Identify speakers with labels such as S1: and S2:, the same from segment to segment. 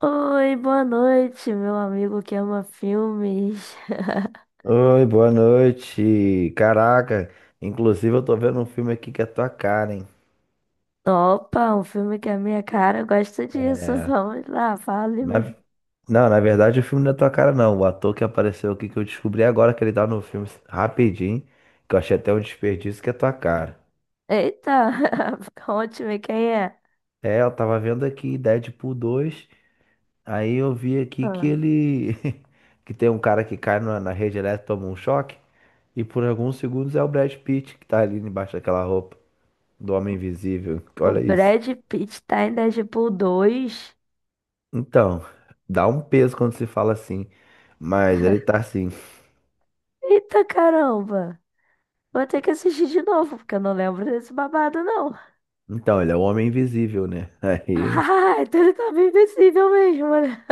S1: Oi, boa noite, meu amigo que ama filmes.
S2: Oi, boa noite. Caraca, inclusive eu tô vendo um filme aqui que é tua cara, hein?
S1: Opa, um filme que é a minha cara gosta disso.
S2: É.
S1: Vamos lá, fale-me.
S2: na- Não, na verdade o filme não é tua cara, não. O ator que apareceu aqui que eu descobri agora que ele tá no filme rapidinho, que eu achei até um desperdício, que é tua cara.
S1: Eita, conte-me quem é.
S2: É, eu tava vendo aqui Deadpool 2, aí eu vi aqui que
S1: Ah,
S2: ele. Que tem um cara que cai na rede elétrica, toma um choque, e por alguns segundos é o Brad Pitt que tá ali embaixo daquela roupa do Homem Invisível.
S1: o
S2: Olha isso.
S1: Brad Pitt tá em Deadpool 2.
S2: Então, dá um peso quando se fala assim. Mas ele tá assim.
S1: Eita caramba, vou ter que assistir de novo, porque eu não lembro desse babado, não.
S2: Então, ele é o homem invisível, né? Aí.
S1: Ah, então ele tá bem invisível mesmo, né?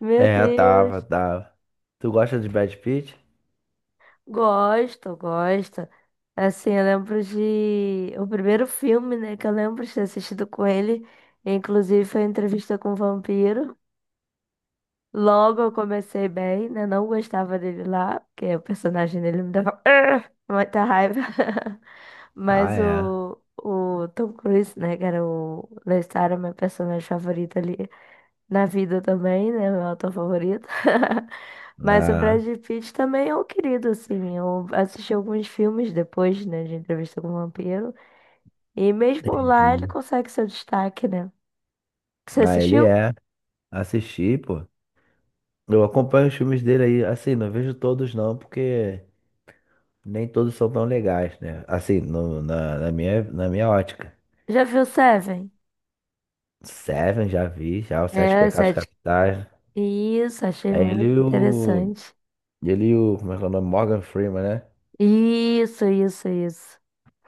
S1: Meu
S2: É, tava,
S1: Deus.
S2: tava. Tu gosta de Brad Pitt?
S1: Gosto, gosto. Assim, eu lembro de o primeiro filme, né, que eu lembro de ter assistido com ele, inclusive foi Entrevista com o Vampiro. Logo eu comecei bem, né? Não gostava dele lá, porque o personagem dele me dava "Arr!", muita raiva.
S2: Ah,
S1: Mas
S2: é.
S1: o Tom Cruise, né, que era o Lestat, era meu personagem favorito ali. Na vida também, né? Meu ator favorito. Mas o
S2: Ah,
S1: Brad Pitt também é um querido, assim. Eu assisti alguns filmes depois, né, de Entrevista com o Vampiro. E mesmo lá ele
S2: entendi.
S1: consegue seu destaque, né? Você
S2: Ah, ele
S1: assistiu?
S2: é. Assisti, pô. Eu acompanho os filmes dele aí, assim, não vejo todos não, porque nem todos são tão legais, né? Assim, na minha ótica.
S1: Já viu Seven?
S2: Seven já vi, já, Os Sete
S1: É,
S2: Pecados
S1: sete.
S2: Capitais.
S1: Isso, achei
S2: É ele
S1: muito
S2: e o.
S1: interessante.
S2: Ele e o. Como é que é o nome? Morgan Freeman, né?
S1: Isso, isso, isso.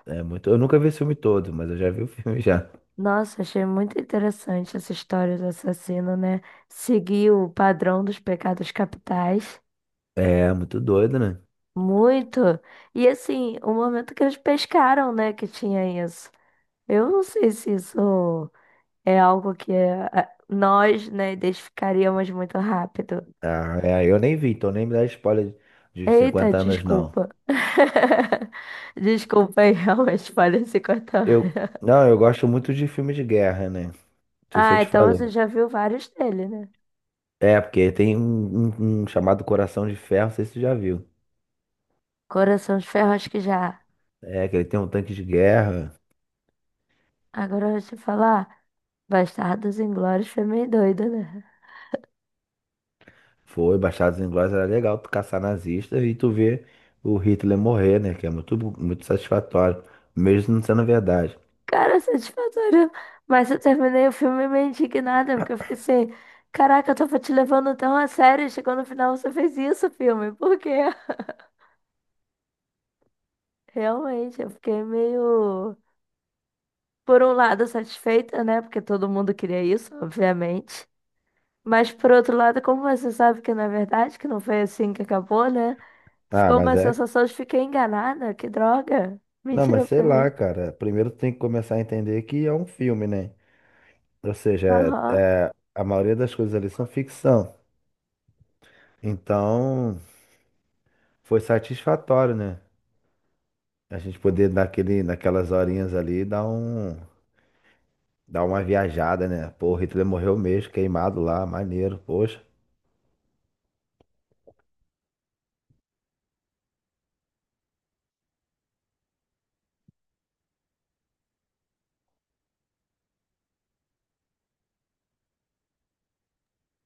S2: É muito. Eu nunca vi o filme todo, mas eu já vi o filme já.
S1: Nossa, achei muito interessante essa história do assassino, né? Seguir o padrão dos pecados capitais.
S2: É muito doido, né?
S1: Muito. E assim, o momento que eles pescaram, né, que tinha isso. Eu não sei se isso é algo que é, nós, né, identificaríamos muito rápido.
S2: Ah, é, eu nem vi, então nem me dá spoiler de
S1: Eita,
S2: 50 anos, não.
S1: desculpa. Desculpa aí, realmente falei cortar.
S2: Eu gosto muito de filme de guerra, né? Não sei se eu
S1: Ah,
S2: te
S1: então
S2: falei.
S1: você já viu vários dele, né?
S2: É, porque tem um chamado Coração de Ferro, não sei se tu já viu.
S1: Coração de Ferro, acho que já.
S2: É, que ele tem um tanque de guerra.
S1: Agora eu vou te falar. Bastardos Inglórios foi meio doido, né?
S2: Foi, Bastardos Inglórios, era legal tu caçar nazista e tu ver o Hitler morrer, né? Que é muito, muito satisfatório, mesmo não sendo verdade.
S1: Cara, satisfatório. Mas eu terminei o filme meio indignada, porque eu fiquei assim, caraca, eu tava te levando tão a sério, chegou no final você fez isso, filme. Por quê? Realmente, eu fiquei meio, por um lado, satisfeita, né? Porque todo mundo queria isso, obviamente. Mas por outro lado, como você sabe que na verdade que não foi assim que acabou, né?
S2: Ah,
S1: Ficou
S2: mas
S1: uma
S2: é.
S1: sensação de fiquei enganada, que droga.
S2: Não, mas
S1: Mentira
S2: sei
S1: pra
S2: lá,
S1: mim.
S2: cara. Primeiro tem que começar a entender que é um filme, né? Ou seja,
S1: Aham.
S2: a maioria das coisas ali são ficção. Então, foi satisfatório, né? A gente poder dar aquele, naquelas horinhas ali dar dar uma viajada, né? Pô, o Hitler morreu mesmo, queimado lá, maneiro, poxa.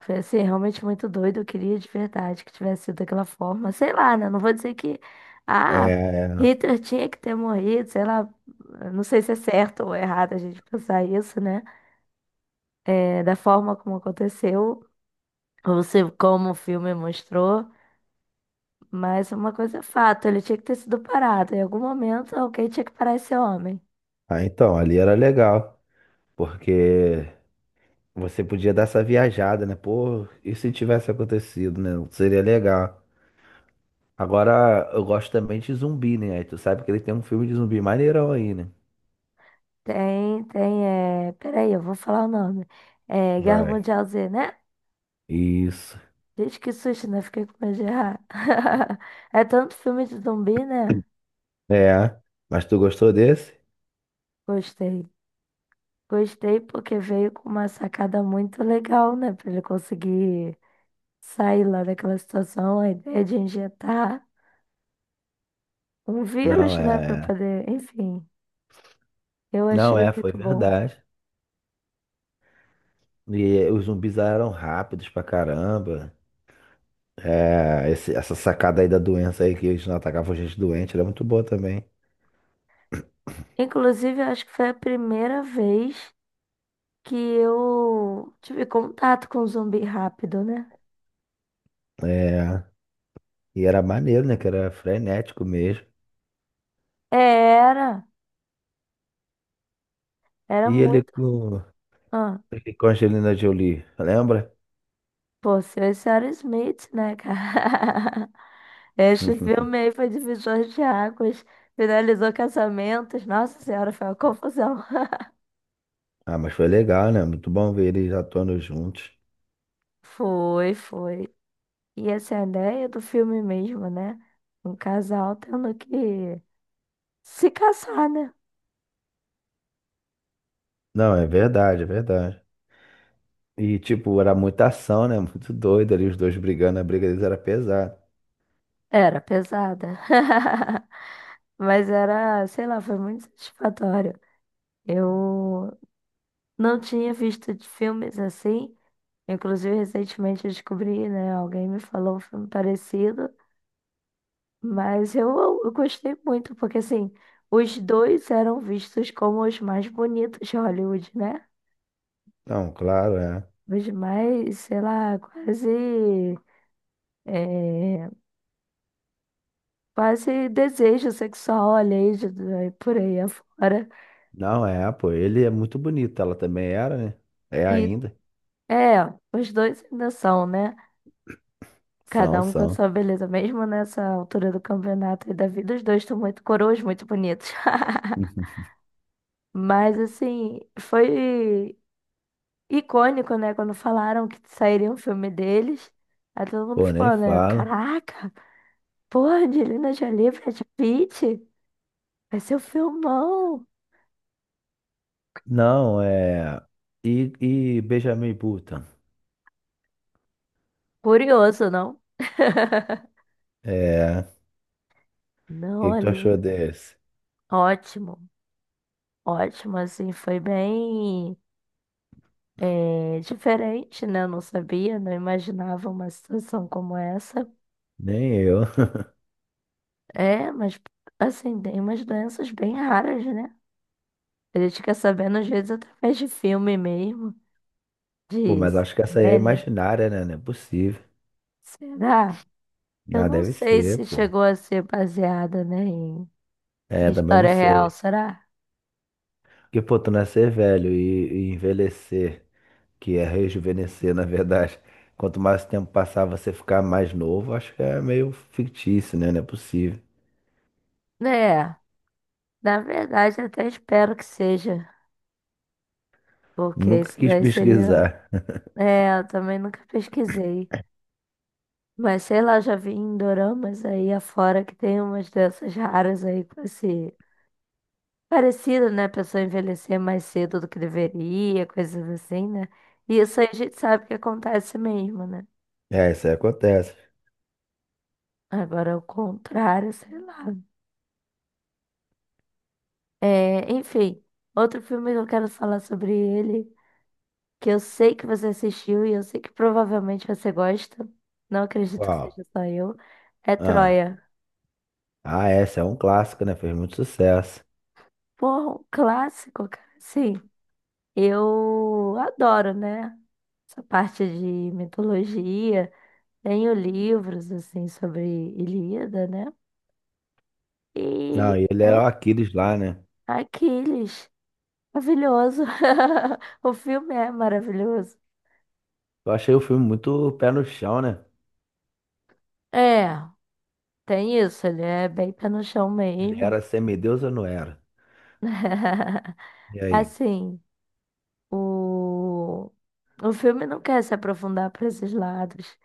S1: Foi assim, realmente muito doido. Eu queria de verdade que tivesse sido daquela forma. Sei lá, né? Não vou dizer que. Ah,
S2: É,
S1: Hitler tinha que ter morrido, sei lá. Não sei se é certo ou errado a gente pensar isso, né? É, da forma como aconteceu, ou se como o filme mostrou. Mas uma coisa é fato, ele tinha que ter sido parado. Em algum momento, alguém tinha que parar esse homem.
S2: ah, então, ali era legal, porque você podia dar essa viajada, né? Pô, e se tivesse acontecido, né? Seria legal. Agora, eu gosto também de zumbi, né? Aí tu sabe que ele tem um filme de zumbi maneirão aí, né?
S1: Tem, tem, Peraí, eu vou falar o nome. É Guerra
S2: Vai.
S1: Mundial Z, né?
S2: Isso.
S1: Gente, que susto, né? Fiquei com medo de errar. É tanto filme de zumbi, né?
S2: É. Mas tu gostou desse?
S1: Gostei. Gostei porque veio com uma sacada muito legal, né? Pra ele conseguir sair lá daquela situação, a ideia de injetar um
S2: Não,
S1: vírus, né? Pra
S2: é.
S1: poder, enfim. Eu
S2: Não,
S1: achei
S2: é, foi
S1: muito bom.
S2: verdade. E os zumbis eram rápidos pra caramba. É, essa sacada aí da doença aí que eles não atacavam gente doente era muito boa também.
S1: Inclusive, eu acho que foi a primeira vez que eu tive contato com zumbi rápido, né?
S2: É. E era maneiro, né? Que era frenético mesmo.
S1: É, era, era
S2: E ele
S1: muito.
S2: com,
S1: Ah,
S2: ele com a Angelina Jolie, lembra?
S1: pô, se eu esse era Smith, né, cara? Este filme aí foi divisor de águas, finalizou casamentos. Nossa Senhora, foi uma confusão.
S2: Ah, mas foi legal, né? Muito bom ver eles atuando juntos.
S1: Foi, foi. E essa é a ideia do filme mesmo, né? Um casal tendo que se casar, né?
S2: Não, é verdade, é verdade. E, tipo, era muita ação, né? Muito doido ali, os dois brigando, a briga deles era pesada.
S1: Era pesada. Mas era, sei lá, foi muito satisfatório. Eu não tinha visto de filmes assim. Inclusive, recentemente eu descobri, né? Alguém me falou um filme parecido. Mas eu gostei muito, porque assim, os dois eram vistos como os mais bonitos de Hollywood, né?
S2: Não, claro, é.
S1: Os mais, sei lá, quase, é, quase desejo sexual, alheio, por aí afora.
S2: Não, é, pô, ele é muito bonito, ela também era, né? É
S1: E
S2: ainda.
S1: é, os dois ainda são, né? Cada
S2: São,
S1: um com a
S2: são.
S1: sua beleza, mesmo nessa altura do campeonato e da vida, os dois estão muito coroas, muito bonitos. Mas assim, foi icônico, né? Quando falaram que sairia um filme deles, aí todo mundo
S2: Pô, nem
S1: ficou, né?
S2: fala.
S1: Caraca, pô, Angelina Jolie, Brad Pitt, vai ser um filmão.
S2: Não, é. E Benjamin Button?
S1: Curioso, não?
S2: É. O que
S1: Não,
S2: que tu
S1: ali,
S2: achou desse?
S1: ótimo, ótimo, assim, foi bem diferente, né? Eu não sabia, não imaginava uma situação como essa.
S2: Nem eu.
S1: É, mas, assim, tem umas doenças bem raras, né? A gente fica sabendo, às vezes, através de filme mesmo,
S2: Pô,
S1: de
S2: mas acho que essa aí é
S1: série.
S2: imaginária, né? Não é possível.
S1: Será? Eu
S2: Ah,
S1: não
S2: deve
S1: sei
S2: ser,
S1: se
S2: pô.
S1: chegou a ser baseada, né, em
S2: É,
S1: em
S2: também não
S1: história real,
S2: sei.
S1: será?
S2: Porque, pô, tu nascer velho e envelhecer, que é rejuvenescer, na verdade. Quanto mais tempo passar, você ficar mais novo, acho que é meio fictício, né? Não é possível.
S1: É, na verdade, até espero que seja, porque
S2: Nunca
S1: isso
S2: quis
S1: daí seria.
S2: pesquisar.
S1: É, eu também nunca pesquisei. Mas sei lá, já vi em doramas aí afora que tem umas doenças raras aí com esse. Parecido, né? A pessoa envelhecer mais cedo do que deveria, coisas assim, né? E isso aí a gente sabe que acontece mesmo, né?
S2: É, isso aí acontece.
S1: Agora, o contrário, sei lá. É, enfim, outro filme que eu quero falar sobre ele, que eu sei que você assistiu e eu sei que provavelmente você gosta, não acredito que
S2: Qual?
S1: seja só eu, é
S2: Ah,
S1: Troia.
S2: ah, essa é um clássico, né? Fez muito sucesso.
S1: Porra, um clássico, cara. Sim, eu adoro, né? Essa parte de mitologia. Tenho livros, assim, sobre Ilíada, né? E
S2: Não, e ele
S1: eu,
S2: era o Aquiles lá, né?
S1: Aquiles, maravilhoso. O filme é maravilhoso.
S2: Eu achei o filme muito pé no chão, né?
S1: É. Tem isso, ele é bem pé no chão
S2: Ele
S1: mesmo.
S2: era semideus ou não era? E aí?
S1: Assim, o, o filme não quer se aprofundar para esses lados.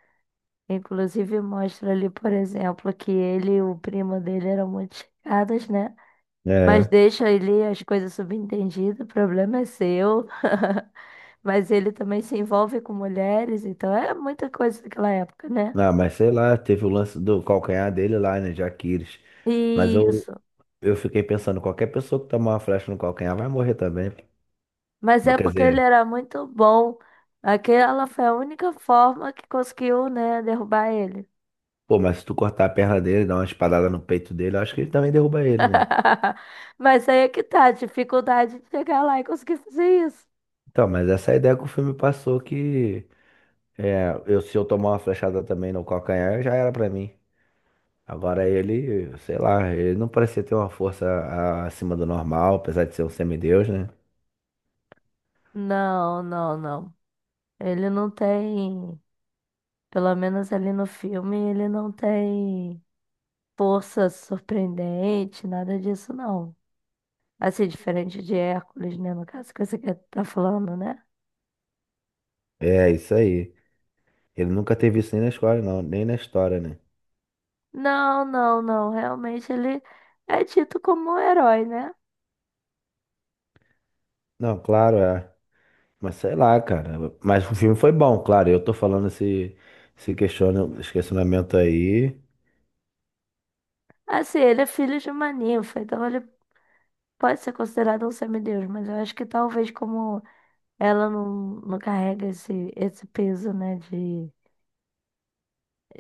S1: Inclusive, mostra ali, por exemplo, que ele e o primo dele eram muito chegados, né? Mas
S2: É.
S1: deixa ali as coisas subentendidas, o problema é seu. Mas ele também se envolve com mulheres, então é muita coisa daquela época, né?
S2: Ah, mas sei lá, teve o lance do calcanhar dele lá, né? De Aquiles. Mas eu.
S1: Isso.
S2: Eu fiquei pensando, qualquer pessoa que tomar uma flecha no calcanhar vai morrer também.
S1: Mas é
S2: Quer
S1: porque ele
S2: dizer,
S1: era muito bom. Aquela foi a única forma que conseguiu, né, derrubar ele.
S2: pô, mas se tu cortar a perna dele, dar uma espadada no peito dele, eu acho que ele também derruba ele, né?
S1: Mas aí é que tá, a dificuldade de chegar lá e conseguir fazer isso.
S2: Então, mas essa é a ideia que o filme passou que é, eu, se eu tomar uma flechada também no calcanhar, já era pra mim. Agora ele, sei lá, ele não parecia ter uma força acima do normal, apesar de ser um semideus, né?
S1: Não, não, não. Ele não tem, pelo menos ali no filme, ele não tem força surpreendente, nada disso não. Assim, diferente de Hércules, né, no caso que você tá falando, né?
S2: É, isso aí. Ele nunca teve isso nem na escola, não, nem na história, né?
S1: Não, não, não. Realmente ele é tido como um herói, né?
S2: Não, claro, é. Mas sei lá, cara. Mas o filme foi bom, claro. Eu tô falando esse questionamento aí.
S1: Assim, ele é filho de uma ninfa, então ele pode ser considerado um semideus, mas eu acho que talvez como ela não carrega esse peso, né,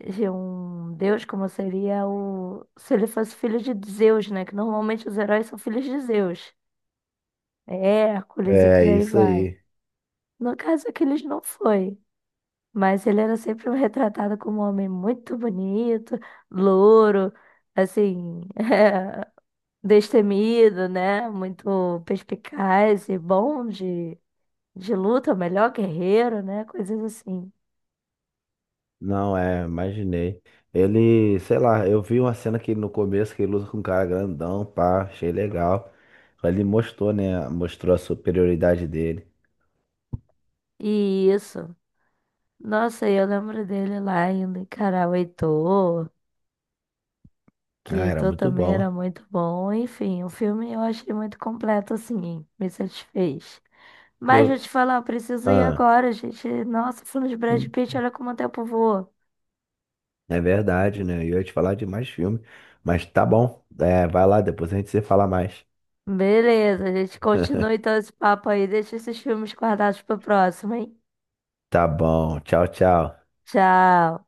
S1: de um deus, como seria o... se ele fosse filho de Zeus, né, que normalmente os heróis são filhos de Zeus, é Hércules e
S2: É
S1: por aí
S2: isso
S1: vai.
S2: aí.
S1: No caso, Aquiles não foi, mas ele era sempre retratado como um homem muito bonito, louro, assim, destemido, né? Muito perspicaz e bom de luta, é o melhor guerreiro, né? Coisas assim.
S2: Não, é, imaginei. Ele, sei lá, eu vi uma cena que no começo que ele luta com um cara grandão, pá, achei legal. Ele mostrou, né? Mostrou a superioridade dele.
S1: E isso. Nossa, e eu lembro dele lá indo encarar o Heitor, que
S2: Ah, era
S1: Heitor
S2: muito
S1: também
S2: bom.
S1: era muito bom. Enfim, o filme eu achei muito completo, assim, me satisfez. Mas vou
S2: Eu,
S1: te falar, eu preciso ir
S2: ah,
S1: agora, gente. Nossa, falando de Brad Pitt, olha como o tempo voa.
S2: é verdade, né? Eu ia te falar de mais filme. Mas tá bom. É, vai lá, depois a gente se fala mais.
S1: Beleza, a gente continua então esse papo aí. Deixa esses filmes guardados pro próximo, hein?
S2: Tá bom. Tchau, tchau.
S1: Tchau.